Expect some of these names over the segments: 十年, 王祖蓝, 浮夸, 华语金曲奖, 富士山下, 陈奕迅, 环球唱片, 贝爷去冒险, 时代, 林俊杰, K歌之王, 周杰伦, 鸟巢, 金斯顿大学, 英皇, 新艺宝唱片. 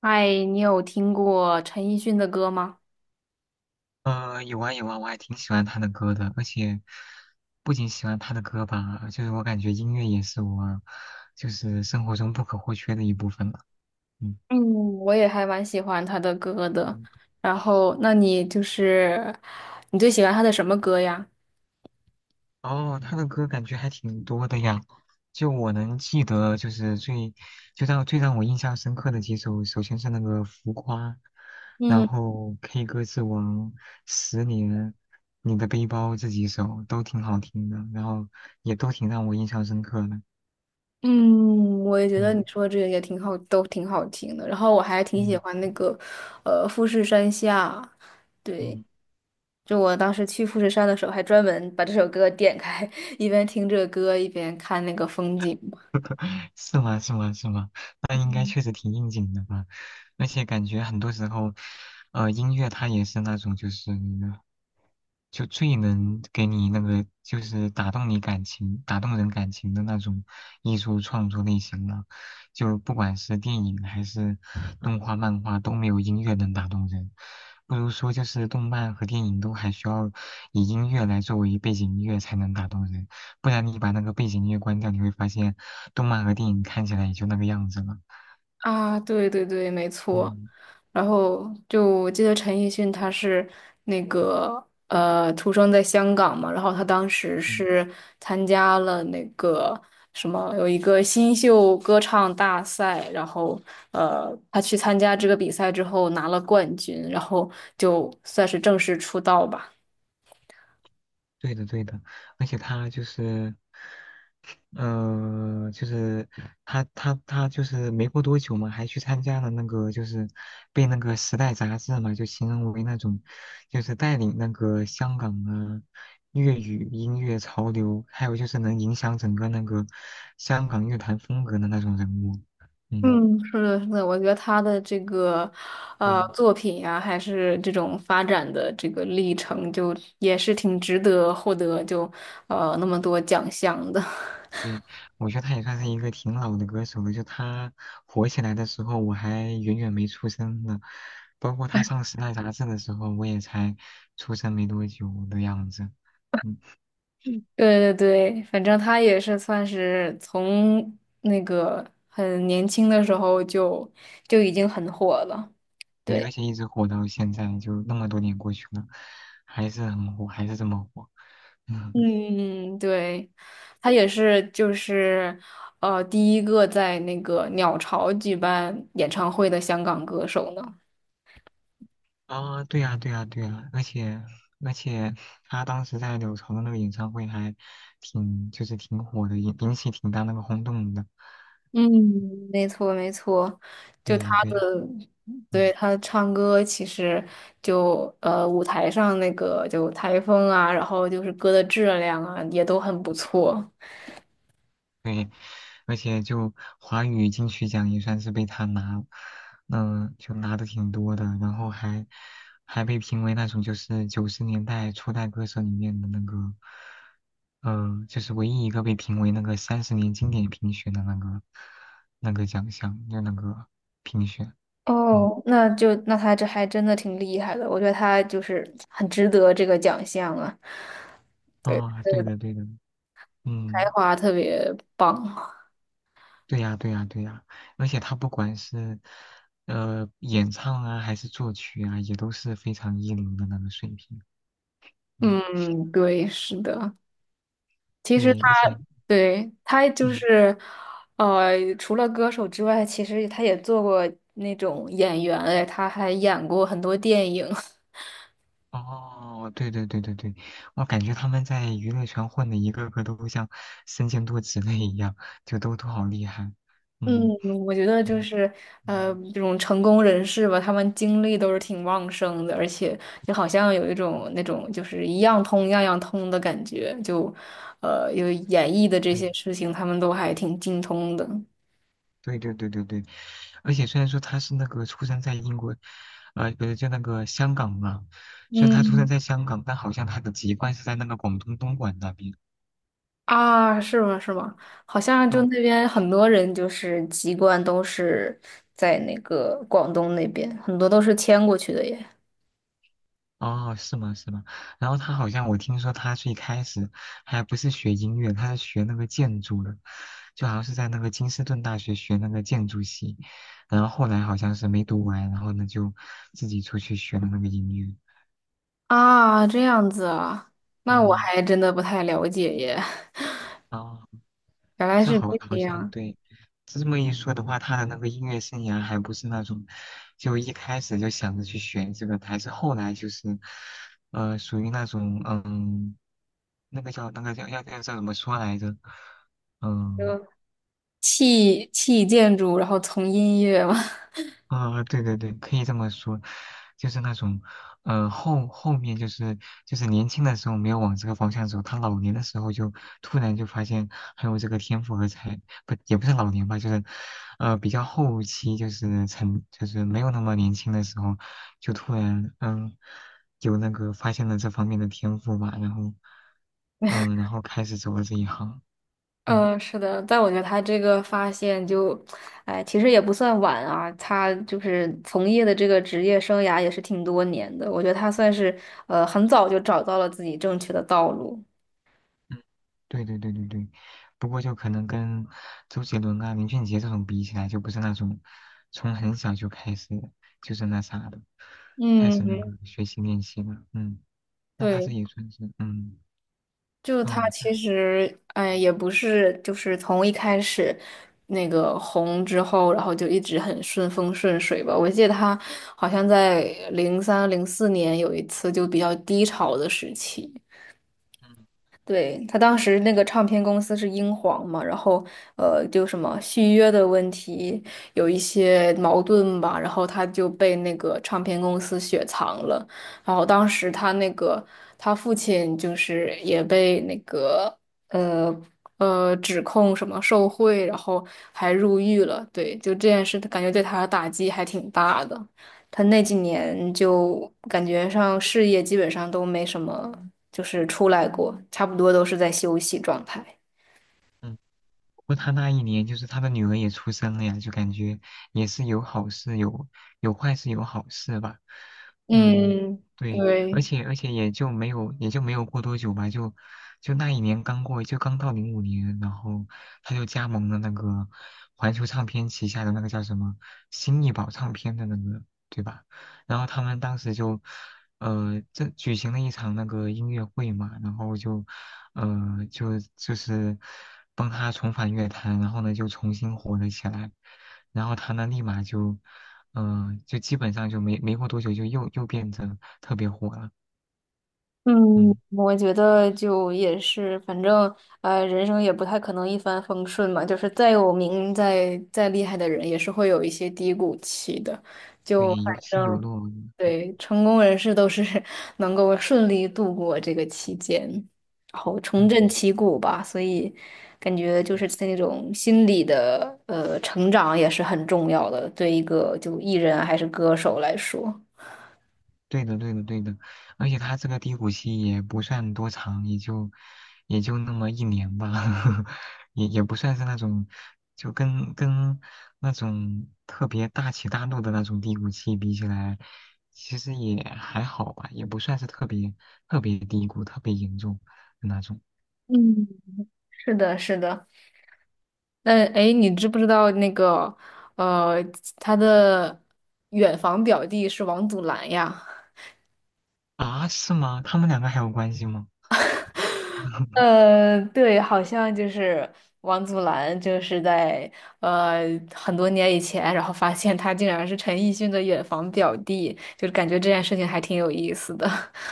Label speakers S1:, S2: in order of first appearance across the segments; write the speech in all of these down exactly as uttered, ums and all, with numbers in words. S1: 嗨，你有听过陈奕迅的歌吗？
S2: 呃，有啊有啊，我还挺喜欢他的歌的，而且不仅喜欢他的歌吧，就是我感觉音乐也是我就是生活中不可或缺的一部分了。嗯，
S1: 嗯，我也还蛮喜欢他的歌的。
S2: 嗯
S1: 然后，那你就是你最喜欢他的什么歌呀？
S2: 哦，他的歌感觉还挺多的呀，就我能记得就是最就让最让我印象深刻的几首，首先是那个《浮夸》，然
S1: 嗯
S2: 后《K 歌之王》《十年》。你的背包这几首都挺好听的，然后也都挺让我印象深刻的。
S1: 嗯，我也觉得你
S2: 嗯
S1: 说的这个也挺好，都挺好听的。然后我还挺喜
S2: 嗯。
S1: 欢那个呃富士山下，对，
S2: 嗯。
S1: 就我当时去富士山的时候，还专门把这首歌点开，一边听这个歌，一边看那个风景。
S2: 是吗？是吗？是吗？那应该确实挺应景的吧？而且感觉很多时候，呃，音乐它也是那种就是那个，就最能给你那个就是打动你感情、打动人感情的那种艺术创作类型了。就不管是电影还是动画、漫画，都没有音乐能打动人。不如说，就是动漫和电影都还需要以音乐来作为背景音乐才能打动人，不然你把那个背景音乐关掉，你会发现动漫和电影看起来也就那个样子了。
S1: 啊，对对对，没错。
S2: 嗯
S1: 然后就我记得陈奕迅他是那个呃出生在香港嘛，然后他当时
S2: 嗯，
S1: 是参加了那个什么有一个新秀歌唱大赛，然后呃他去参加这个比赛之后拿了冠军，然后就算是正式出道吧。
S2: 对的对的，而且他就是，呃，就是他他他就是没过多久嘛，还去参加了那个就是被那个《时代》杂志嘛，就形容为那种就是带领那个香港的粤语音乐潮流，还有就是能影响整个那个香港乐坛风格的那种人物。嗯，
S1: 嗯，是的，是的，我觉得他的这个，呃，
S2: 对。
S1: 作品呀、还是这种发展的这个历程，就也是挺值得获得就，呃，那么多奖项的。
S2: 对，我觉得他也算是一个挺老的歌手了。就他火起来的时候，我还远远没出生呢。包括他上时代杂志的时候，我也才出生没多久的样子。嗯，
S1: 对对对，反正他也是算是从那个很年轻的时候就就已经很火了。
S2: 对，而
S1: 对，
S2: 且一直火到现在，就那么多年过去了，还是很火，还是这么火。嗯。
S1: 嗯，对，他也是就是呃第一个在那个鸟巢举办演唱会的香港歌手呢。
S2: 啊，对呀，对呀，对呀。而且而且，他当时在柳潮的那个演唱会还挺，就是挺火的，引引起挺大那个轰动的。
S1: 嗯，没错没错，就
S2: 对
S1: 他
S2: 呀，对
S1: 的，
S2: 呀。
S1: 对
S2: 嗯。
S1: 他唱歌其实就呃舞台上那个就台风啊，然后就是歌的质量啊也都很不错。
S2: 对，而且就华语金曲奖也算是被他拿，嗯、就拿的挺多的，然后还还被评为那种就是九十年代初代歌手里面的那个，呃，就是唯一一个被评为那个三十年经典评选的那个那个奖项，就那个评选，嗯，
S1: 哦，那就那他这还真的挺厉害的，我觉得他就是很值得这个奖项啊，对，
S2: 哦，对的对的，嗯，
S1: 才华特别棒。
S2: 对呀，对呀，对呀，而且他不管是呃演唱啊，还是作曲啊，也都是非常一流的那个水平。嗯，
S1: 嗯，对，是的。其实
S2: 对，而且
S1: 他对他就
S2: 嗯，
S1: 是，呃，除了歌手之外，其实他也做过那种演员，哎，他还演过很多电影。
S2: 哦，对对对对对，我感觉他们在娱乐圈混的一个个都像身兼多职类一样，就都都好厉害。
S1: 嗯，
S2: 嗯
S1: 我觉得就
S2: 嗯
S1: 是呃，
S2: 嗯，
S1: 这种成功人士吧，他们精力都是挺旺盛的，而且就好像有一种那种就是一样通样样通的感觉，就呃，有演艺的这
S2: 对。
S1: 些事情，他们都还挺精通的。
S2: 对对对对对，而且虽然说他是那个出生在英国，呃，不是就那个香港嘛，虽然他出生
S1: 嗯。
S2: 在香港，但好像他的籍贯是在那个广东东莞那边。
S1: 啊，是吗？是吗？好像就
S2: 哦
S1: 那边很多人就是籍贯都是在那个广东那边，很多都是迁过去的耶。
S2: 哦，是吗是吗？然后他好像我听说他最开始还不是学音乐，他是学那个建筑的，就好像是在那个金斯顿大学学那个建筑系，然后后来好像是没读完，然后呢就自己出去学了那个音乐。
S1: 啊，这样子啊，那我
S2: 嗯，
S1: 还真的不太了解耶，
S2: 哦
S1: 原来
S2: 这
S1: 是
S2: 好
S1: 这
S2: 好像
S1: 样，
S2: 对，这么一说的话，他的那个音乐生涯还不是那种，就一开始就想着去学这个的还是后来就是，呃，属于那种，嗯，那个叫那个叫要要叫怎么说来着？
S1: 就
S2: 嗯。
S1: 弃弃建筑，然后从音乐嘛。
S2: 啊、对对对，可以这么说，就是那种，呃，后后面就是就是年轻的时候没有往这个方向走，他老年的时候就突然就发现还有这个天赋和才，不也不是老年吧，就是，呃，比较后期就是成就是没有那么年轻的时候，就突然嗯有那个发现了这方面的天赋吧，然后嗯然后开始走了这一行，嗯。
S1: 嗯，是的，但我觉得他这个发现就，哎，其实也不算晚啊。他就是从业的这个职业生涯也是挺多年的，我觉得他算是呃很早就找到了自己正确的道路。
S2: 对对对对对，不过就可能跟周杰伦啊、林俊杰这种比起来，就不是那种从很小就开始就是那啥的，开始那
S1: 嗯，
S2: 个学习练习了。嗯，那他
S1: 对，
S2: 这也算是嗯
S1: 就他
S2: 哦，对
S1: 其实，哎，也不是，就是从一开始那个红之后，然后就一直很顺风顺水吧。我记得他好像在零三零四年有一次就比较低潮的时期。
S2: 嗯
S1: 对，他当时那个唱片公司是英皇嘛，然后呃，就什么续约的问题有一些矛盾吧，然后他就被那个唱片公司雪藏了，然后当时他那个他父亲就是也被那个呃呃指控什么受贿，然后还入狱了，对，就这件事，感觉对他的打击还挺大的。他那几年就感觉上事业基本上都没什么，就是出来过，差不多都是在休息状态。
S2: 嗯。过他那一年就是他的女儿也出生了呀，就感觉也是有好事有有坏事有好事吧。嗯，
S1: 嗯，
S2: 对，而
S1: 对，
S2: 且而且也就没有也就没有过多久吧，就就那一年刚过，就刚到零五年，然后他就加盟了那个环球唱片旗下的那个叫什么新艺宝唱片的那个，对吧？然后他们当时就呃这举行了一场那个音乐会嘛，然后就嗯，呃就就是帮他重返乐坛，然后呢就重新火了起来，然后他呢立马就，嗯、就基本上就没没过多久就又又变得特别火了，
S1: 嗯，
S2: 嗯，
S1: 我觉得就也是，反正呃，人生也不太可能一帆风顺嘛，就是再有名、再再厉害的人，也是会有一些低谷期的。
S2: 对，有起有落，对，
S1: 对，成功人士都是 能够顺利度过这个期间，然后重振
S2: 嗯。
S1: 旗鼓吧。所以，感觉就是那种心理的呃成长也是很重要的，对一个就艺人还是歌手来说。
S2: 对的，对的，对的，而且他这个低谷期也不算多长，也就也就那么一年吧，也也不算是那种就跟跟那种特别大起大落的那种低谷期比起来，其实也还好吧，也不算是特别特别低谷、特别严重的那种
S1: 嗯，是的，是的。那哎，你知不知道那个呃，他的远房表弟是王祖蓝呀？
S2: 啊？是吗？他们两个还有关系吗？
S1: 呃，对，好像就是王祖蓝，就是在呃很多年以前，然后发现他竟然是陈奕迅的远房表弟，就是感觉这件事情还挺有意思的。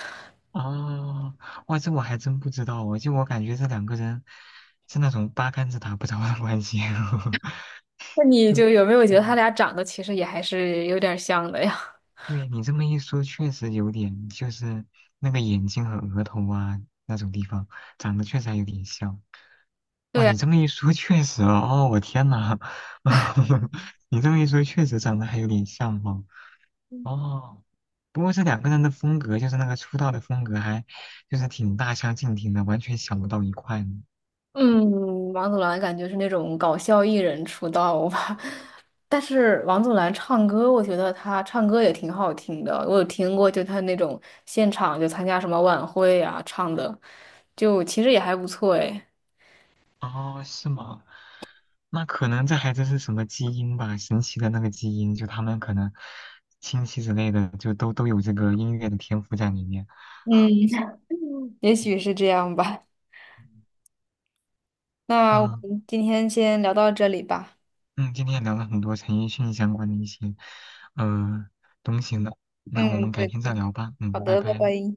S2: 哦，哇，这我还真不知道哦，就我感觉这两个人是那种八竿子打不着的关系，
S1: 那你
S2: 就，
S1: 就有没有觉得他
S2: 嗯，
S1: 俩长得其实也还是有点儿像的呀？
S2: 对你这么一说，确实有点，就是那个眼睛和额头啊那种地方长得确实还有点像。
S1: 对
S2: 哇，
S1: 呀，
S2: 你这么一说，确实哦，哦，我天呐，你这么一说，确实长得还有点像哦。哦，不过这两个人的风格，就是那个出道的风格还，就是挺大相径庭的，完全想不到一块呢。
S1: 嗯，王祖蓝感觉是那种搞笑艺人出道吧，但是王祖蓝唱歌，我觉得他唱歌也挺好听的，我有听过，就他那种现场就参加什么晚会啊唱的，就其实也还不错诶。
S2: 哦，是吗？那可能这还真是什么基因吧，神奇的那个基因，就他们可能亲戚之类的，就都都有这个音乐的天赋在里面。
S1: 嗯，也
S2: 嗯
S1: 许是这样吧。那我
S2: 嗯，
S1: 们今天先聊到这里吧。
S2: 嗯今天也聊了很多陈奕迅相关的一些呃东西呢，那我
S1: 嗯，
S2: 们改
S1: 对
S2: 天再
S1: 对。
S2: 聊吧。
S1: 好
S2: 嗯，拜
S1: 的，拜
S2: 拜了。
S1: 拜。